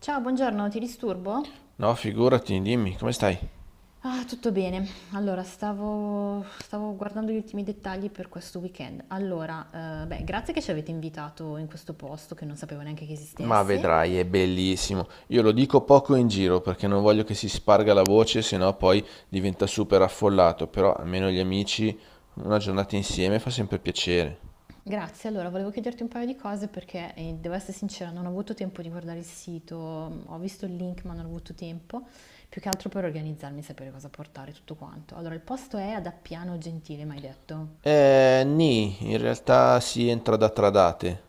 Ciao, buongiorno, ti disturbo? No, figurati, dimmi, come stai? Ah, tutto bene. Allora, stavo guardando gli ultimi dettagli per questo weekend. Allora, beh, grazie che ci avete invitato in questo posto che non sapevo neanche che Ma esistesse. vedrai, è bellissimo. Io lo dico poco in giro perché non voglio che si sparga la voce, sennò poi diventa super affollato, però almeno gli amici una giornata insieme fa sempre piacere. Grazie, allora, volevo chiederti un paio di cose perché, devo essere sincera, non ho avuto tempo di guardare il sito, ho visto il link ma non ho avuto tempo, più che altro per organizzarmi e sapere cosa portare, tutto quanto. Allora, il posto è ad Appiano Gentile, mi hai detto? Nì, in realtà si entra da Tradate.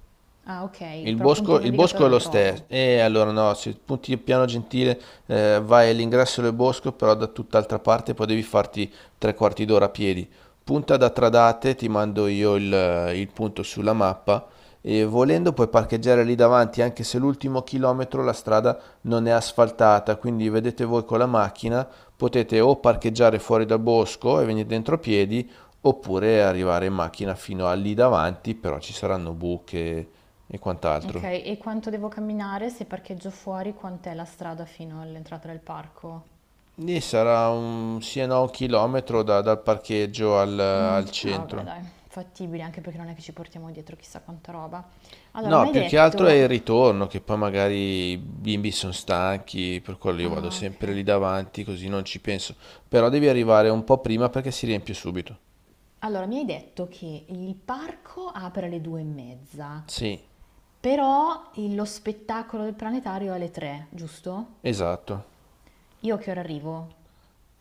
Ah, ok, Il però appunto bosco, il il bosco navigatore è lo lo stesso, trovo. e allora no, se punti Piano Gentile vai all'ingresso del bosco, però da tutt'altra parte, poi devi farti tre quarti d'ora a piedi. Punta da Tradate, ti mando io il punto sulla mappa, e volendo puoi parcheggiare lì davanti, anche se l'ultimo chilometro la strada non è asfaltata, quindi vedete voi con la macchina, potete o parcheggiare fuori dal bosco e venire dentro a piedi, oppure arrivare in macchina fino a lì davanti, però ci saranno buche e Ok, quant'altro. e quanto devo camminare se parcheggio fuori? Quant'è la strada fino all'entrata del parco? Lì sarà un sì e no un chilometro dal parcheggio al, Mm, al ah, vabbè, centro. dai, fattibile, anche perché non è che ci portiamo dietro chissà quanta roba. Allora, mi No, hai più che altro è detto... il ritorno, che poi magari i bimbi sono stanchi, per quello io vado Ah, ok. sempre lì davanti, così non ci penso. Però devi arrivare un po' prima perché si riempie subito. Allora, mi hai detto che il parco apre alle due e mezza, Sì, però lo spettacolo del planetario è alle tre, giusto? esatto. Io a che ora arrivo?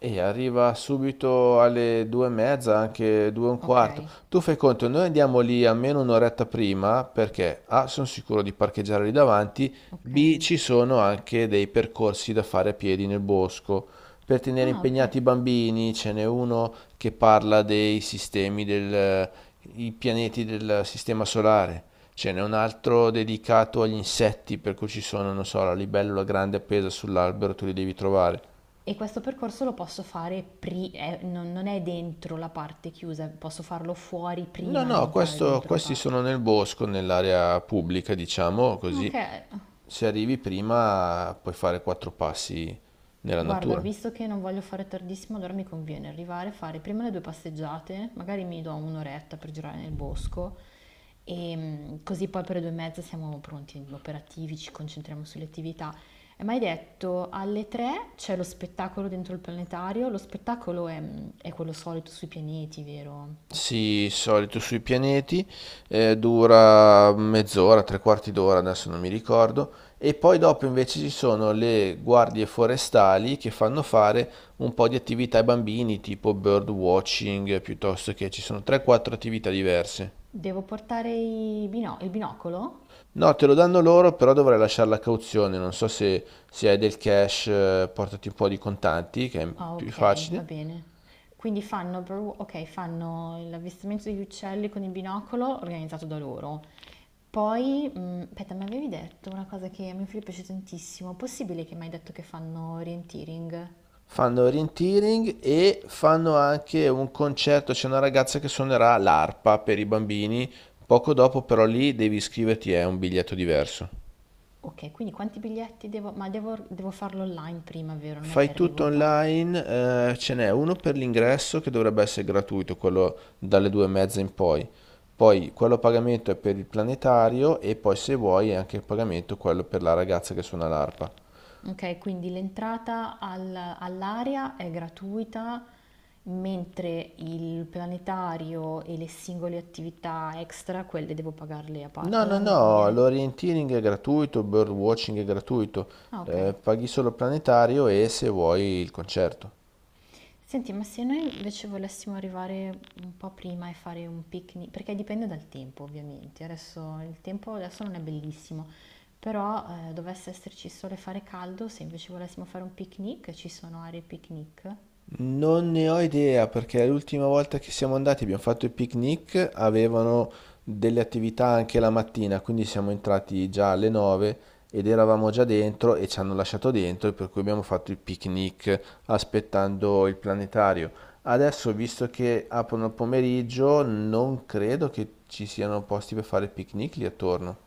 E arriva subito alle due e mezza, anche due e un Ok, quarto. Tu fai conto, noi andiamo lì almeno un'oretta prima perché A, sono sicuro di parcheggiare lì davanti, ok. B, ci sono anche dei percorsi da fare a piedi nel bosco. Per tenere Ah, ok. impegnati i bambini ce n'è uno che parla i pianeti del sistema solare. Ce n'è un altro dedicato agli insetti, per cui ci sono, non so, la libellula grande appesa sull'albero, tu li devi trovare. E questo percorso lo posso fare, non è dentro la parte chiusa, posso farlo fuori No, prima di no, entrare dentro il questi parco. sono nel bosco, nell'area pubblica, diciamo così. Ok, Se arrivi prima puoi fare quattro passi nella guarda, natura. visto che non voglio fare tardissimo, allora mi conviene arrivare, fare prima le due passeggiate, magari mi do un'oretta per girare nel bosco e mm, così poi per le due e mezza siamo pronti, operativi, ci concentriamo sulle attività. E mi hai detto alle tre c'è lo spettacolo dentro il planetario, è quello solito sui pianeti, vero? Sì, solito sui pianeti, dura mezz'ora, tre quarti d'ora, adesso non mi ricordo. E poi dopo invece ci sono le guardie forestali che fanno fare un po' di attività ai bambini, tipo bird watching, piuttosto che ci sono 3-4 attività diverse. Devo portare il binocolo? No, te lo danno loro, però dovrai lasciare la cauzione. Non so se hai del cash, portati un po' di contanti, che è Ah, più ok, va facile. bene. Quindi ok, fanno l'avvistamento degli uccelli con il binocolo organizzato da loro. Poi, aspetta, mi avevi detto una cosa che a mio figlio piace tantissimo. Possibile che mi hai detto che fanno orienteering? Fanno orienteering e fanno anche un concerto. C'è una ragazza che suonerà l'arpa per i bambini. Poco dopo, però, lì devi iscriverti, è un biglietto diverso. Ok, quindi quanti biglietti devo... Ma devo farlo online prima, vero? Non è che Fai tutto arrivo qua. online, ce n'è uno per l'ingresso che dovrebbe essere gratuito, quello dalle due e mezza in poi. Poi quello a pagamento è per il planetario e poi se vuoi è anche il pagamento quello per la ragazza che suona l'arpa. Okay, quindi l'entrata al all'area è gratuita, mentre il planetario e le singole attività extra, quelle devo pagarle a par No, no, allora mi no, conviene l'orienteering è gratuito, il birdwatching è gratuito, ah okay. paghi solo il planetario e se vuoi il concerto. Senti, ma se noi invece volessimo arrivare un po' prima e fare un picni perché dipende dal tempo ovviamente, adesso il tempo adesso non è bellissimo, però, dovesse esserci sole e fare caldo, se invece volessimo fare un picnic, ci sono aree picnic? Non ne ho idea perché l'ultima volta che siamo andati abbiamo fatto il picnic, avevano delle attività anche la mattina, quindi siamo entrati già alle 9 ed eravamo già dentro e ci hanno lasciato dentro, per cui abbiamo fatto il picnic aspettando il planetario. Adesso, visto che aprono il pomeriggio, non credo che ci siano posti per fare il picnic lì attorno.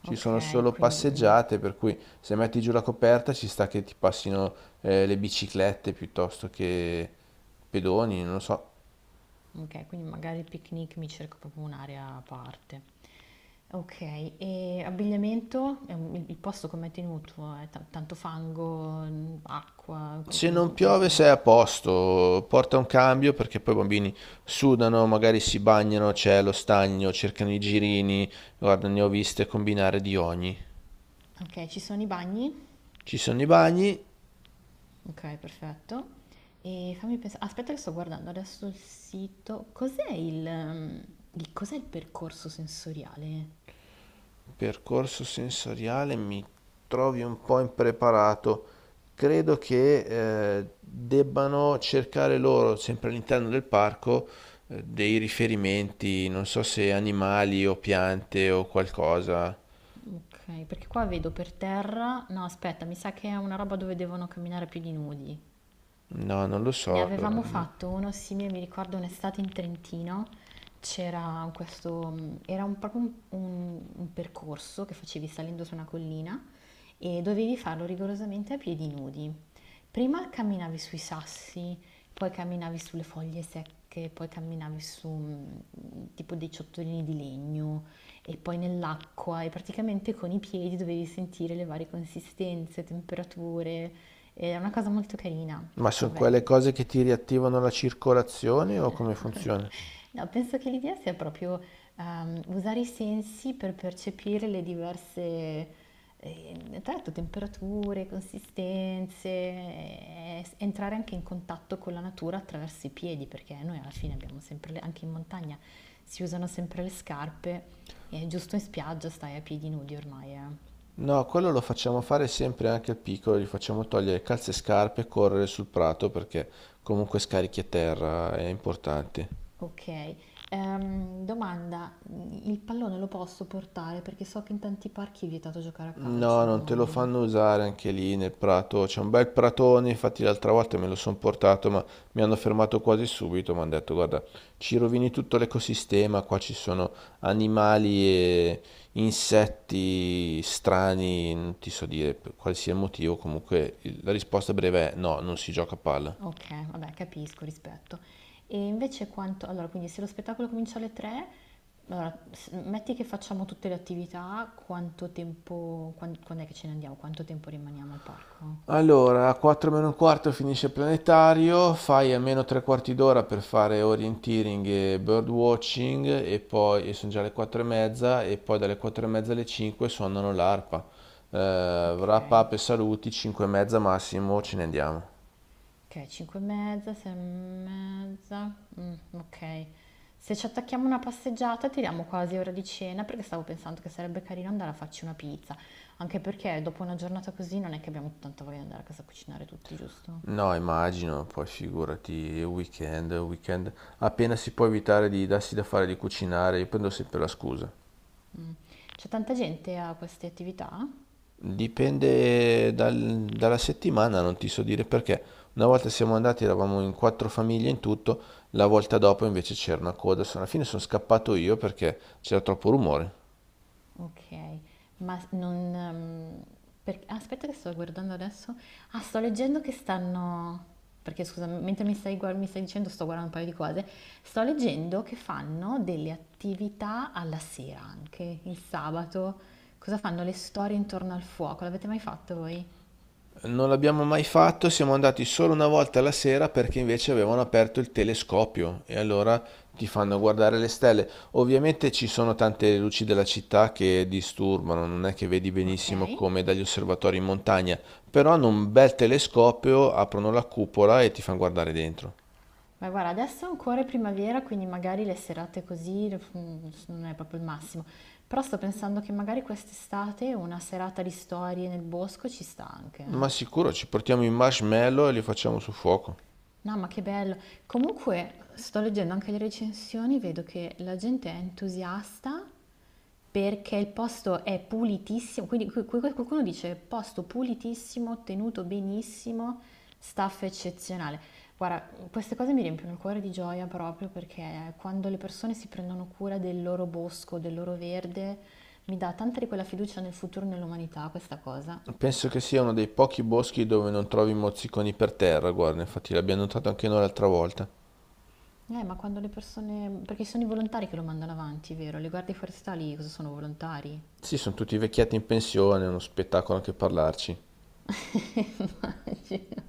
Ci sono Okay, solo quindi. passeggiate, per cui se metti giù la coperta ci sta che ti passino le biciclette piuttosto che pedoni, non lo so. Okay, quindi magari il picnic mi cerco proprio un'area a parte. Okay, e abbigliamento? Il posto com'è tenuto? È ta tanto fango, mhmm, acqua, co Se non come piove son sei messi? a posto, porta un cambio perché poi i bambini sudano, magari si bagnano, c'è lo stagno, cercano i girini, guarda, ne ho viste combinare di ogni. Okay, ci sono i bagni? Ci sono i bagni. Okay, perfetto. E fammi pensa aspetta che sto guardando adesso il sito. Cos'è il mhmm, il cos'è il percorso sensoriale? Percorso sensoriale mi trovi un po' impreparato. Credo che debbano cercare loro, sempre all'interno del parco, dei riferimenti, non so se animali o piante o qualcosa. Okay, perché qua vedo per terra no aspetta, mi sa che è una roba dove devono camminare più di nudi. No, non lo Ne so allora. avevamo fatto uno simile, mi ricordo un'estate in Trentino, c'era questo, proprio un percorso che facevi salendo su una collina e dovevi farlo rigorosamente a piedi nudi. Prima camminavi sui sassi, poi camminavi sulle foglie secche, poi camminavi su tipo dei ciottolini di legno e poi nell'acqua e praticamente con i piedi dovevi sentire le varie consistenze, temperature, è una cosa molto carina. Ma Poi sono vabbè, quelle cose che ti riattivano la circolazione o come funziona? no, penso che l'idea sia proprio usare i sensi per percepire le diverse, tra l'altro, temperature, consistenze, entrare anche in contatto con la natura attraverso i piedi, perché noi alla fine abbiamo anche in montagna, si usano sempre le scarpe e giusto in spiaggia stai a piedi nudi ormai, eh. No, quello lo facciamo fare sempre anche al piccolo, gli facciamo togliere calze e scarpe e correre sul prato perché comunque scarichi a terra, è importante. Ok, domanda, il pallone lo posso portare perché so che in tanti parchi è vietato giocare a No, calcio non te lo ormai. fanno usare anche lì nel prato. C'è un bel pratone, infatti l'altra volta me lo sono portato, ma mi hanno fermato quasi subito. Mi hanno detto, guarda, ci rovini tutto l'ecosistema, qua ci sono animali e insetti strani, non ti so dire per qualsiasi motivo. Comunque la risposta breve è no, non si gioca a palla. Okay, vabbè capisco, rispetto. E invece quanto allora quindi se lo spettacolo comincia alle 3, allora s metti che facciamo tutte le attività, quanto tempo quand'è che ce ne andiamo? Quanto tempo rimaniamo al parco? Allora, a 4 meno un quarto finisce il planetario, fai almeno tre quarti d'ora per fare orienteering e birdwatching e poi sono già le 4 e mezza e poi dalle 4 e mezza alle 5 suonano l'arpa. Wrap Okay, up e saluti, 5 e mezza massimo, ce ne andiamo. okay 5 e mezza, 6 e mezza, okay. Se ci attacchiamo una passeggiata tiriamo quasi ora di cena, perché stavo pensando che sarebbe carino andare a farci una pizza, anche perché dopo una giornata così non è che abbiamo tanta voglia di andare a casa a cucinare tutti, giusto? No, immagino, poi figurati, weekend, weekend, appena si può evitare di darsi da fare di cucinare, io prendo sempre la scusa. C'è tanta gente a queste attività? Dipende dalla settimana, non ti so dire perché. Una volta siamo andati, eravamo in quattro famiglie in tutto, la volta dopo invece c'era una coda. Alla fine sono scappato io perché c'era troppo rumore. Ok, ma non... per- aspetta che sto guardando adesso. Ah, sto leggendo che stanno... Perché scusa, mentre mi stai dicendo sto guardando un paio di cose. Sto leggendo che fanno delle attività alla sera anche, il sabato. Cosa fanno? Le storie intorno al fuoco. L'avete mai fatto voi? Non l'abbiamo mai fatto, siamo andati solo una volta la sera perché invece avevano aperto il telescopio e allora ti fanno guardare le stelle. Ovviamente ci sono tante luci della città che disturbano, non è che vedi Ok. benissimo come dagli osservatori in montagna, però hanno un bel telescopio, aprono la cupola e ti fanno guardare dentro. Ma guarda, adesso ancora è primavera, quindi magari le serate così mm, non è proprio il massimo. Però sto pensando che magari quest'estate una serata di storie nel bosco ci sta anche, Ma eh. sicuro ci portiamo i marshmallow e li facciamo sul fuoco. No, ma che bello. Comunque, sto leggendo anche le recensioni, vedo che la gente è entusiasta perché il posto è pulitissimo, quindi qualcuno dice posto pulitissimo, tenuto benissimo, staff eccezionale. Guarda, queste cose mi riempiono il cuore di gioia proprio perché quando le persone si prendono cura del loro bosco, del loro verde, mi dà tanta di quella fiducia nel futuro e nell'umanità questa cosa. Penso che sia uno dei pochi boschi dove non trovi mozziconi per terra, guarda, infatti l'abbiamo notato anche noi l'altra volta. Ma quando le persone... Perché sono i volontari che lo mandano avanti, vero? Le guardie forestali cosa sono volontari? Sì, sono tutti vecchietti in pensione, è uno spettacolo anche parlarci.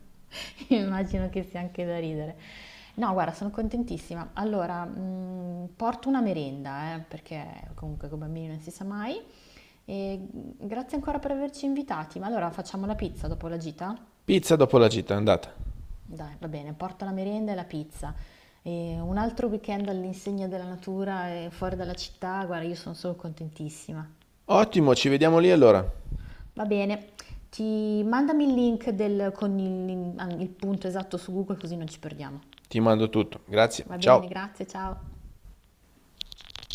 Immagino, immagino che sia anche da ridere. No, guarda, sono contentissima. Allora, porto una merenda, perché comunque con i bambini non si sa mai. E grazie ancora per averci invitati. Ma allora facciamo la pizza dopo la gita? Pizza dopo la gita, andata. Dai, va bene, porto la merenda e la pizza. E un altro weekend all'insegna della natura e fuori dalla città, guarda, io sono solo contentissima. Ottimo, ci vediamo lì allora. Va bene, ti mandami il link con il punto esatto su Google così non ci perdiamo. Ti mando tutto. Grazie, Va bene, ciao. grazie, ciao.